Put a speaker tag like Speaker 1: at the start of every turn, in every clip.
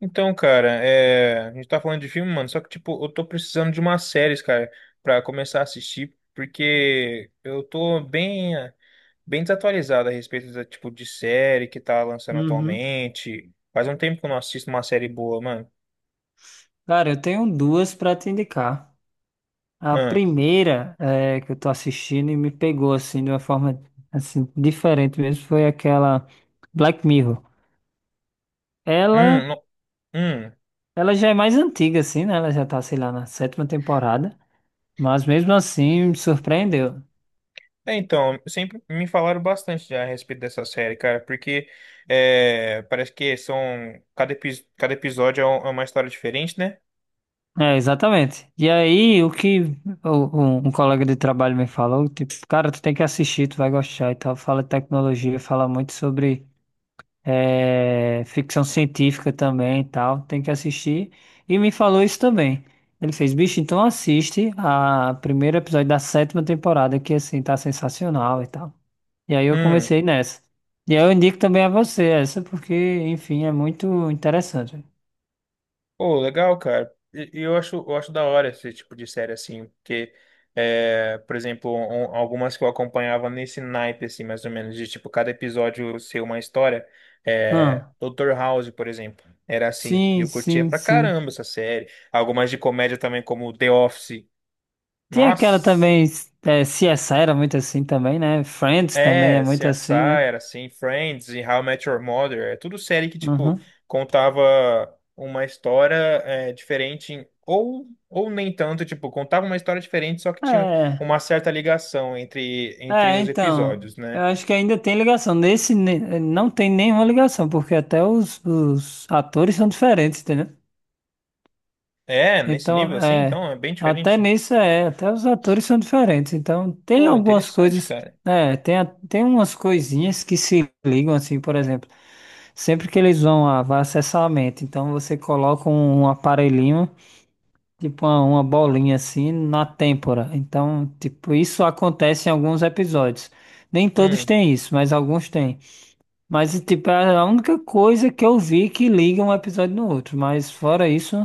Speaker 1: Então, cara, a gente tá falando de filme, mano, só que, tipo, eu tô precisando de umas séries, cara, pra começar a assistir, porque eu tô bem, bem desatualizado a respeito do tipo de série que tá lançando
Speaker 2: Uhum.
Speaker 1: atualmente. Faz um tempo que eu não assisto uma série boa, mano.
Speaker 2: Cara, eu tenho duas para te indicar. A
Speaker 1: Hum,
Speaker 2: primeira é, que eu tô assistindo e me pegou assim de uma forma assim diferente mesmo foi aquela Black Mirror. Ela,
Speaker 1: hum, no- hum.
Speaker 2: ela já é mais antiga assim, né? Ela já tá, sei lá, na sétima temporada, mas mesmo assim me surpreendeu.
Speaker 1: Então, sempre me falaram bastante já a respeito dessa série, cara, porque parece que são, cada episódio é uma história diferente, né?
Speaker 2: É, exatamente. E aí, o que um colega de trabalho me falou, tipo, cara, tu tem que assistir, tu vai gostar e tal. Fala de tecnologia, fala muito sobre ficção científica também e tal, tem que assistir. E me falou isso também. Ele fez, bicho, então assiste a primeiro episódio da sétima temporada, que assim, tá sensacional e tal. E aí eu
Speaker 1: Hum.
Speaker 2: comecei nessa. E aí eu indico também a você essa, porque, enfim, é muito interessante.
Speaker 1: Pô, legal, cara. E eu acho da hora esse tipo de série, assim, porque, por exemplo, algumas que eu acompanhava nesse naipe, assim, mais ou menos, de, tipo, cada episódio ser uma história,
Speaker 2: Ah,
Speaker 1: Dr. House, por exemplo, era assim, e
Speaker 2: sim,
Speaker 1: eu curtia
Speaker 2: sim,
Speaker 1: pra
Speaker 2: sim.
Speaker 1: caramba essa série. Algumas de comédia também, como The Office.
Speaker 2: Tem aquela
Speaker 1: Nossa!
Speaker 2: também, CSI era muito assim também, né? Friends também é
Speaker 1: É,
Speaker 2: muito assim,
Speaker 1: CSI
Speaker 2: né?
Speaker 1: era assim, Friends e How I Met Your Mother, é tudo série que, tipo,
Speaker 2: Uhum.
Speaker 1: contava uma história diferente, ou nem tanto, tipo, contava uma história diferente, só que tinha
Speaker 2: É.
Speaker 1: uma certa ligação entre
Speaker 2: É,
Speaker 1: os
Speaker 2: então,
Speaker 1: episódios,
Speaker 2: eu
Speaker 1: né?
Speaker 2: acho que ainda tem ligação. Nesse não tem nenhuma ligação, porque até os atores são diferentes, entendeu?
Speaker 1: É, nesse
Speaker 2: Então,
Speaker 1: nível assim, então,
Speaker 2: é,
Speaker 1: é bem diferente.
Speaker 2: até os atores são diferentes. Então, tem
Speaker 1: Pô,
Speaker 2: algumas
Speaker 1: interessante,
Speaker 2: coisas,
Speaker 1: cara.
Speaker 2: tem umas coisinhas que se ligam, assim, por exemplo, sempre que eles vai acessar a mente, então você coloca um aparelhinho. Tipo uma bolinha assim na têmpora. Então, tipo, isso acontece em alguns episódios. Nem todos
Speaker 1: Hum.
Speaker 2: têm isso, mas alguns têm. Mas, tipo, é a única coisa que eu vi que liga um episódio no outro. Mas fora isso,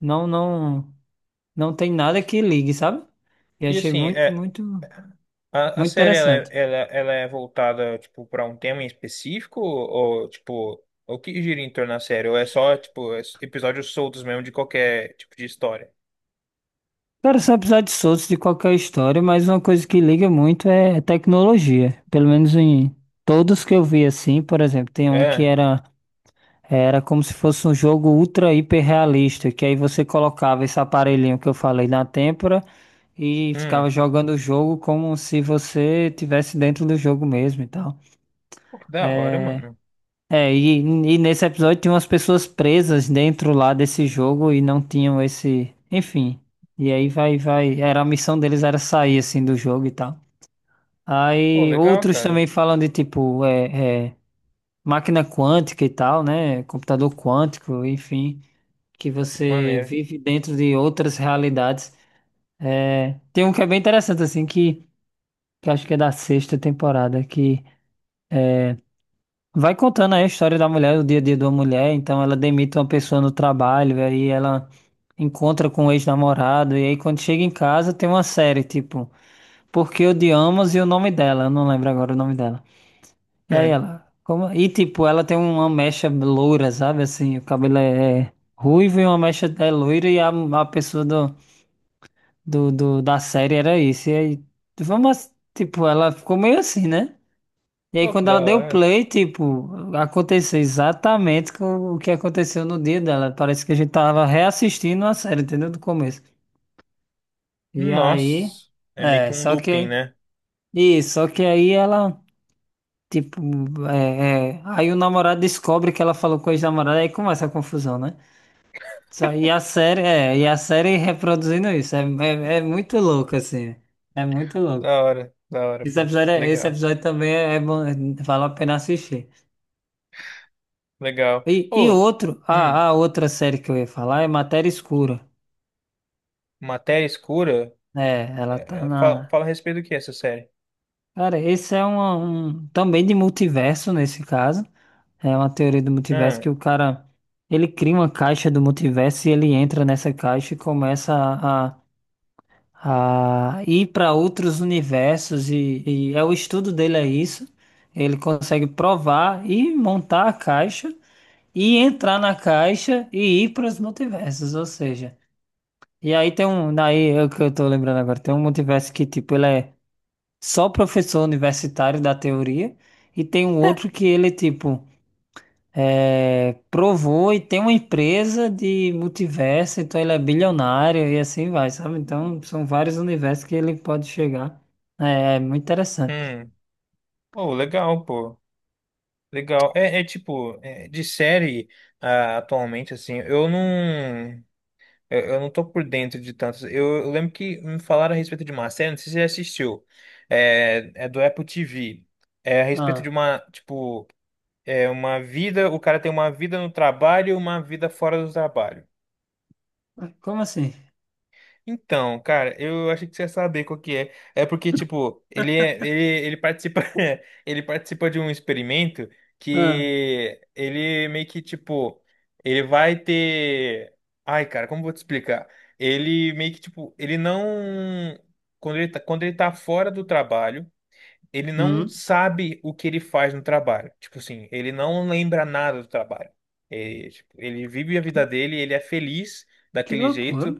Speaker 2: não, não, não tem nada que ligue, sabe? E
Speaker 1: E
Speaker 2: achei
Speaker 1: assim,
Speaker 2: muito,
Speaker 1: é,
Speaker 2: muito,
Speaker 1: A
Speaker 2: muito
Speaker 1: série ela,
Speaker 2: interessante.
Speaker 1: ela, ela é voltada tipo para um tema em específico, ou tipo o que gira em torno da série, ou é só tipo episódios soltos mesmo de qualquer tipo de história?
Speaker 2: Cara, são episódios soltos de qualquer história, mas uma coisa que liga muito é tecnologia. Pelo menos em todos que eu vi assim, por exemplo, tem um que
Speaker 1: É,
Speaker 2: era como se fosse um jogo ultra hiper realista, que aí você colocava esse aparelhinho que eu falei na têmpora e
Speaker 1: hum,
Speaker 2: ficava jogando o jogo como se você tivesse dentro do jogo mesmo e tal.
Speaker 1: pô, que da hora, mano.
Speaker 2: É, e nesse episódio tinha umas pessoas presas dentro lá desse jogo e não tinham esse, enfim. E aí vai, era a missão deles era sair assim do jogo e tal.
Speaker 1: Pô,
Speaker 2: Aí
Speaker 1: legal,
Speaker 2: outros
Speaker 1: cara.
Speaker 2: também falam de tipo, máquina quântica e tal, né? Computador quântico, enfim. Que você
Speaker 1: Maneiro.
Speaker 2: vive dentro de outras realidades. É, tem um que é bem interessante, assim, que acho que é da sexta temporada, que vai contando aí a história da mulher, o dia a dia de uma mulher. Então, ela demite uma pessoa no trabalho, aí ela encontra com o ex-namorado, e aí quando chega em casa tem uma série, tipo, Por que Odiamos, e o nome dela, eu não lembro agora o nome dela. E aí ela, como... E tipo, ela tem uma mecha loura, sabe, assim, o cabelo é ruivo e uma mecha é loira, e a pessoa da série era isso. E aí, vamos, tipo, ela ficou meio assim, né? E aí,
Speaker 1: Pô, que
Speaker 2: quando
Speaker 1: da
Speaker 2: ela deu
Speaker 1: hora.
Speaker 2: play, tipo, aconteceu exatamente com o que aconteceu no dia dela. Parece que a gente tava reassistindo a série, entendeu? Do começo. E aí,
Speaker 1: Nossa, é meio que um
Speaker 2: só
Speaker 1: looping,
Speaker 2: que,
Speaker 1: né?
Speaker 2: isso, só que aí ela, tipo, aí o namorado descobre que ela falou com o ex-namorado, aí começa a confusão, né? Só, e a série, e a série reproduzindo isso, é muito louco, assim, é muito louco.
Speaker 1: Da hora,
Speaker 2: Esse
Speaker 1: pô.
Speaker 2: episódio, esse
Speaker 1: Legal,
Speaker 2: episódio também é bom, vale a pena assistir.
Speaker 1: legal.
Speaker 2: E
Speaker 1: Ô,
Speaker 2: outro,
Speaker 1: hum,
Speaker 2: a outra série que eu ia falar é Matéria Escura.
Speaker 1: Matéria Escura,
Speaker 2: É, ela tá
Speaker 1: fala,
Speaker 2: na.
Speaker 1: fala a respeito do que essa série?
Speaker 2: Cara, esse é um, também de multiverso nesse caso. É uma teoria do multiverso que
Speaker 1: Hum,
Speaker 2: o cara ele cria uma caixa do multiverso e ele entra nessa caixa e começa a ir para outros universos e, é o estudo dele é isso. Ele consegue provar e montar a caixa. E entrar na caixa e ir para os multiversos, ou seja, e aí tem um, daí é o que eu tô lembrando agora, tem um multiverso que tipo ele é só professor universitário da teoria, e tem um outro que ele tipo provou e tem uma empresa de multiverso, então ele é bilionário e assim vai, sabe? Então são vários universos que ele pode chegar. É muito interessante.
Speaker 1: hum. Pô, legal, pô. Legal. É, é tipo, é, de série, ah, atualmente, assim, eu não. Eu não tô por dentro de tantos. Eu lembro que me falaram a respeito de uma série, não sei se você já assistiu. É, é do Apple TV. É a respeito de
Speaker 2: Ah,
Speaker 1: uma, tipo, é uma vida, o cara tem uma vida no trabalho e uma vida fora do trabalho.
Speaker 2: como assim?
Speaker 1: Então, cara, eu achei que você ia saber qual que é. É porque, tipo, ele participa, ele participa de um experimento
Speaker 2: Ah,
Speaker 1: que ele meio que, tipo, ele vai ter. Ai, cara, como eu vou te explicar? Ele meio que, tipo, ele não. Quando ele tá fora do trabalho, ele não
Speaker 2: hum,
Speaker 1: sabe o que ele faz no trabalho. Tipo assim, ele não lembra nada do trabalho. É, tipo, ele vive a vida dele, ele é feliz
Speaker 2: que
Speaker 1: daquele
Speaker 2: loucura.
Speaker 1: jeito,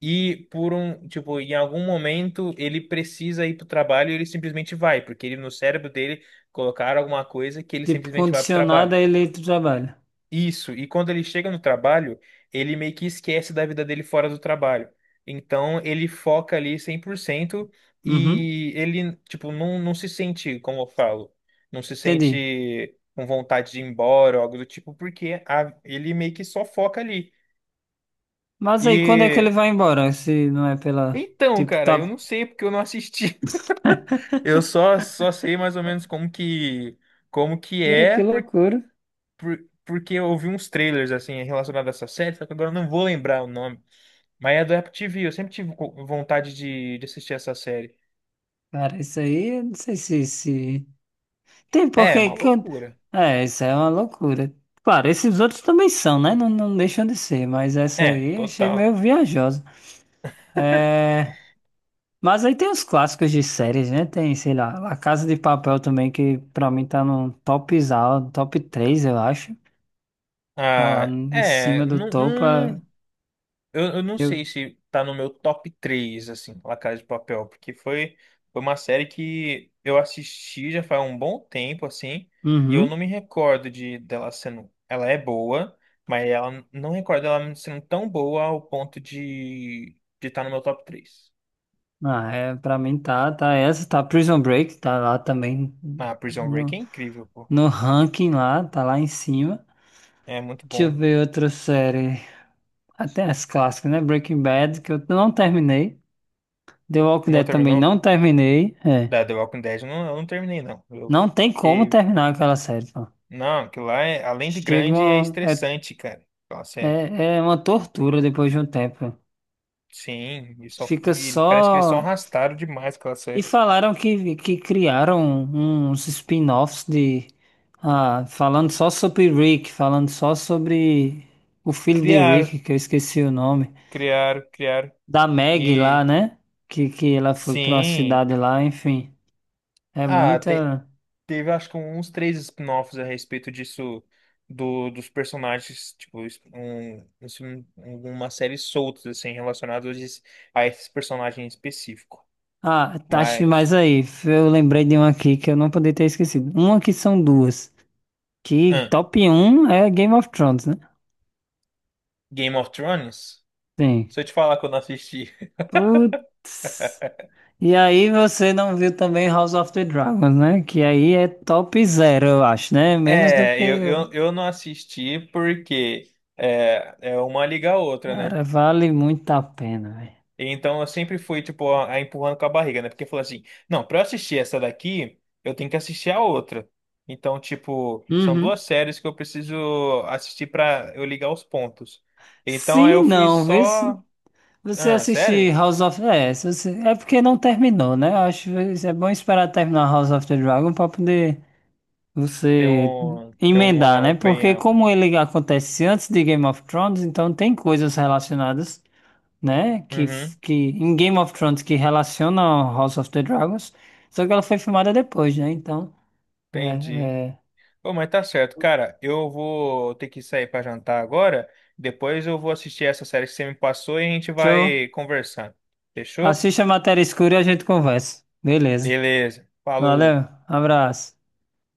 Speaker 1: e por um, tipo, em algum momento ele precisa ir pro trabalho e ele simplesmente vai, porque ele no cérebro dele colocaram alguma coisa que ele
Speaker 2: Tipo,
Speaker 1: simplesmente vai pro
Speaker 2: condicionado
Speaker 1: trabalho.
Speaker 2: a eleito trabalho.
Speaker 1: Isso, e quando ele chega no trabalho, ele meio que esquece da vida dele fora do trabalho. Então, ele foca ali 100%
Speaker 2: Uhum,
Speaker 1: e ele, tipo, não, não se sente, como eu falo, não se
Speaker 2: entendi.
Speaker 1: sente com vontade de ir embora ou algo do tipo, porque ele meio que só foca ali.
Speaker 2: Mas aí, quando é que ele
Speaker 1: E
Speaker 2: vai embora? Se não é pela.
Speaker 1: então,
Speaker 2: Tipo,
Speaker 1: cara, eu
Speaker 2: tá.
Speaker 1: não sei porque eu não assisti. Só sei mais ou menos como que
Speaker 2: Cara,
Speaker 1: é,
Speaker 2: que loucura.
Speaker 1: porque eu ouvi uns trailers assim relacionados a essa série, só que agora eu não vou lembrar o nome. Mas é do Apple TV, eu sempre tive vontade de assistir essa série.
Speaker 2: Cara, isso aí, eu não sei se... Tem
Speaker 1: É,
Speaker 2: porque.
Speaker 1: uma loucura.
Speaker 2: É, isso é uma loucura. Claro, esses outros também são, né? Não, não deixam de ser, mas essa
Speaker 1: É,
Speaker 2: aí eu achei
Speaker 1: total.
Speaker 2: meio viajosa. É... Mas aí tem os clássicos de séries, né? Tem, sei lá, La Casa de Papel também, que pra mim tá no top, top 3 eu acho. Tá lá
Speaker 1: Ah,
Speaker 2: em
Speaker 1: é,
Speaker 2: cima do
Speaker 1: não,
Speaker 2: topo.
Speaker 1: não, não, eu não
Speaker 2: Eu.
Speaker 1: sei se tá no meu top 3, assim, La Casa de Papel, porque foi, foi uma série que eu assisti já faz um bom tempo, assim, e eu não
Speaker 2: Uhum.
Speaker 1: me recordo de dela sendo. Ela é boa, mas ela não recordo ela sendo tão boa ao ponto de estar no meu top 3.
Speaker 2: Ah, é, pra mim tá essa, tá Prison Break, tá lá também
Speaker 1: Ah, Prison Break
Speaker 2: no,
Speaker 1: é incrível, pô.
Speaker 2: no ranking lá, tá lá em cima.
Speaker 1: É muito
Speaker 2: Deixa eu
Speaker 1: bom.
Speaker 2: ver outra série, até as clássicas, né? Breaking Bad, que eu não terminei. The Walking
Speaker 1: Não
Speaker 2: Dead também
Speaker 1: terminou?
Speaker 2: não terminei, é.
Speaker 1: Da The Walking Dead, eu não terminei, não. Eu
Speaker 2: Não tem como
Speaker 1: fiquei...
Speaker 2: terminar aquela série, pô.
Speaker 1: Não, aquilo lá, é, além de
Speaker 2: Chega
Speaker 1: grande, é
Speaker 2: uma, é,
Speaker 1: estressante, cara. Aquela série.
Speaker 2: é, É uma tortura depois de um tempo.
Speaker 1: Sim, e só,
Speaker 2: Fica
Speaker 1: e parece que eles só
Speaker 2: só.
Speaker 1: arrastaram demais aquela
Speaker 2: E
Speaker 1: série.
Speaker 2: falaram que criaram uns spin-offs de. Ah, falando só sobre Rick, falando só sobre o filho de
Speaker 1: Criaram,
Speaker 2: Rick, que eu esqueci o nome.
Speaker 1: criaram, criaram.
Speaker 2: Da Maggie lá,
Speaker 1: E,
Speaker 2: né? Que ela foi pra uma
Speaker 1: sim...
Speaker 2: cidade lá, enfim. É
Speaker 1: Ah,
Speaker 2: muita.
Speaker 1: teve acho que uns 3 spin-offs a respeito disso, do, dos personagens, tipo, uma série soltas, assim, relacionadas a esse personagem específico.
Speaker 2: Ah, tá, acho que mais
Speaker 1: Mas...
Speaker 2: aí. Eu lembrei de uma aqui que eu não poderia ter esquecido. Uma que são duas. Que
Speaker 1: ah,
Speaker 2: top um é Game of Thrones, né?
Speaker 1: Game of Thrones?
Speaker 2: Sim.
Speaker 1: Se eu te falar que eu não assisti.
Speaker 2: Putz. E aí você não viu também House of the Dragons, né? Que aí é top zero, eu acho, né? Menos do
Speaker 1: É,
Speaker 2: que...
Speaker 1: eu não assisti porque é uma liga a outra, né?
Speaker 2: Cara, vale muito a pena, velho.
Speaker 1: Então eu sempre fui, tipo, a empurrando com a barriga, né? Porque falou assim: não, pra eu assistir essa daqui, eu tenho que assistir a outra. Então, tipo, são duas
Speaker 2: Uhum.
Speaker 1: séries que eu preciso assistir pra eu ligar os pontos. Então aí
Speaker 2: Sim,
Speaker 1: eu fui
Speaker 2: não, vê se
Speaker 1: só.
Speaker 2: você
Speaker 1: Ah,
Speaker 2: assistir
Speaker 1: sério?
Speaker 2: House of... É, se você- é porque não terminou, né? Eu acho que é bom esperar terminar House of the Dragon pra poder
Speaker 1: Ter
Speaker 2: você
Speaker 1: um, ter
Speaker 2: emendar,
Speaker 1: uma
Speaker 2: né? Porque
Speaker 1: opinião.
Speaker 2: como ele acontece antes de Game of Thrones, então tem coisas relacionadas, né? Que,
Speaker 1: Uhum,
Speaker 2: que em Game of Thrones que relaciona ao House of the Dragons, só que ela foi filmada depois, né? Então,
Speaker 1: entendi.
Speaker 2: é, é,
Speaker 1: Pô, mas tá certo, cara. Eu vou ter que sair pra jantar agora. Depois eu vou assistir essa série que você me passou e a gente
Speaker 2: show.
Speaker 1: vai conversando. Fechou?
Speaker 2: Assiste a Matéria Escura e a gente conversa. Beleza.
Speaker 1: Beleza. Falou.
Speaker 2: Valeu, abraço.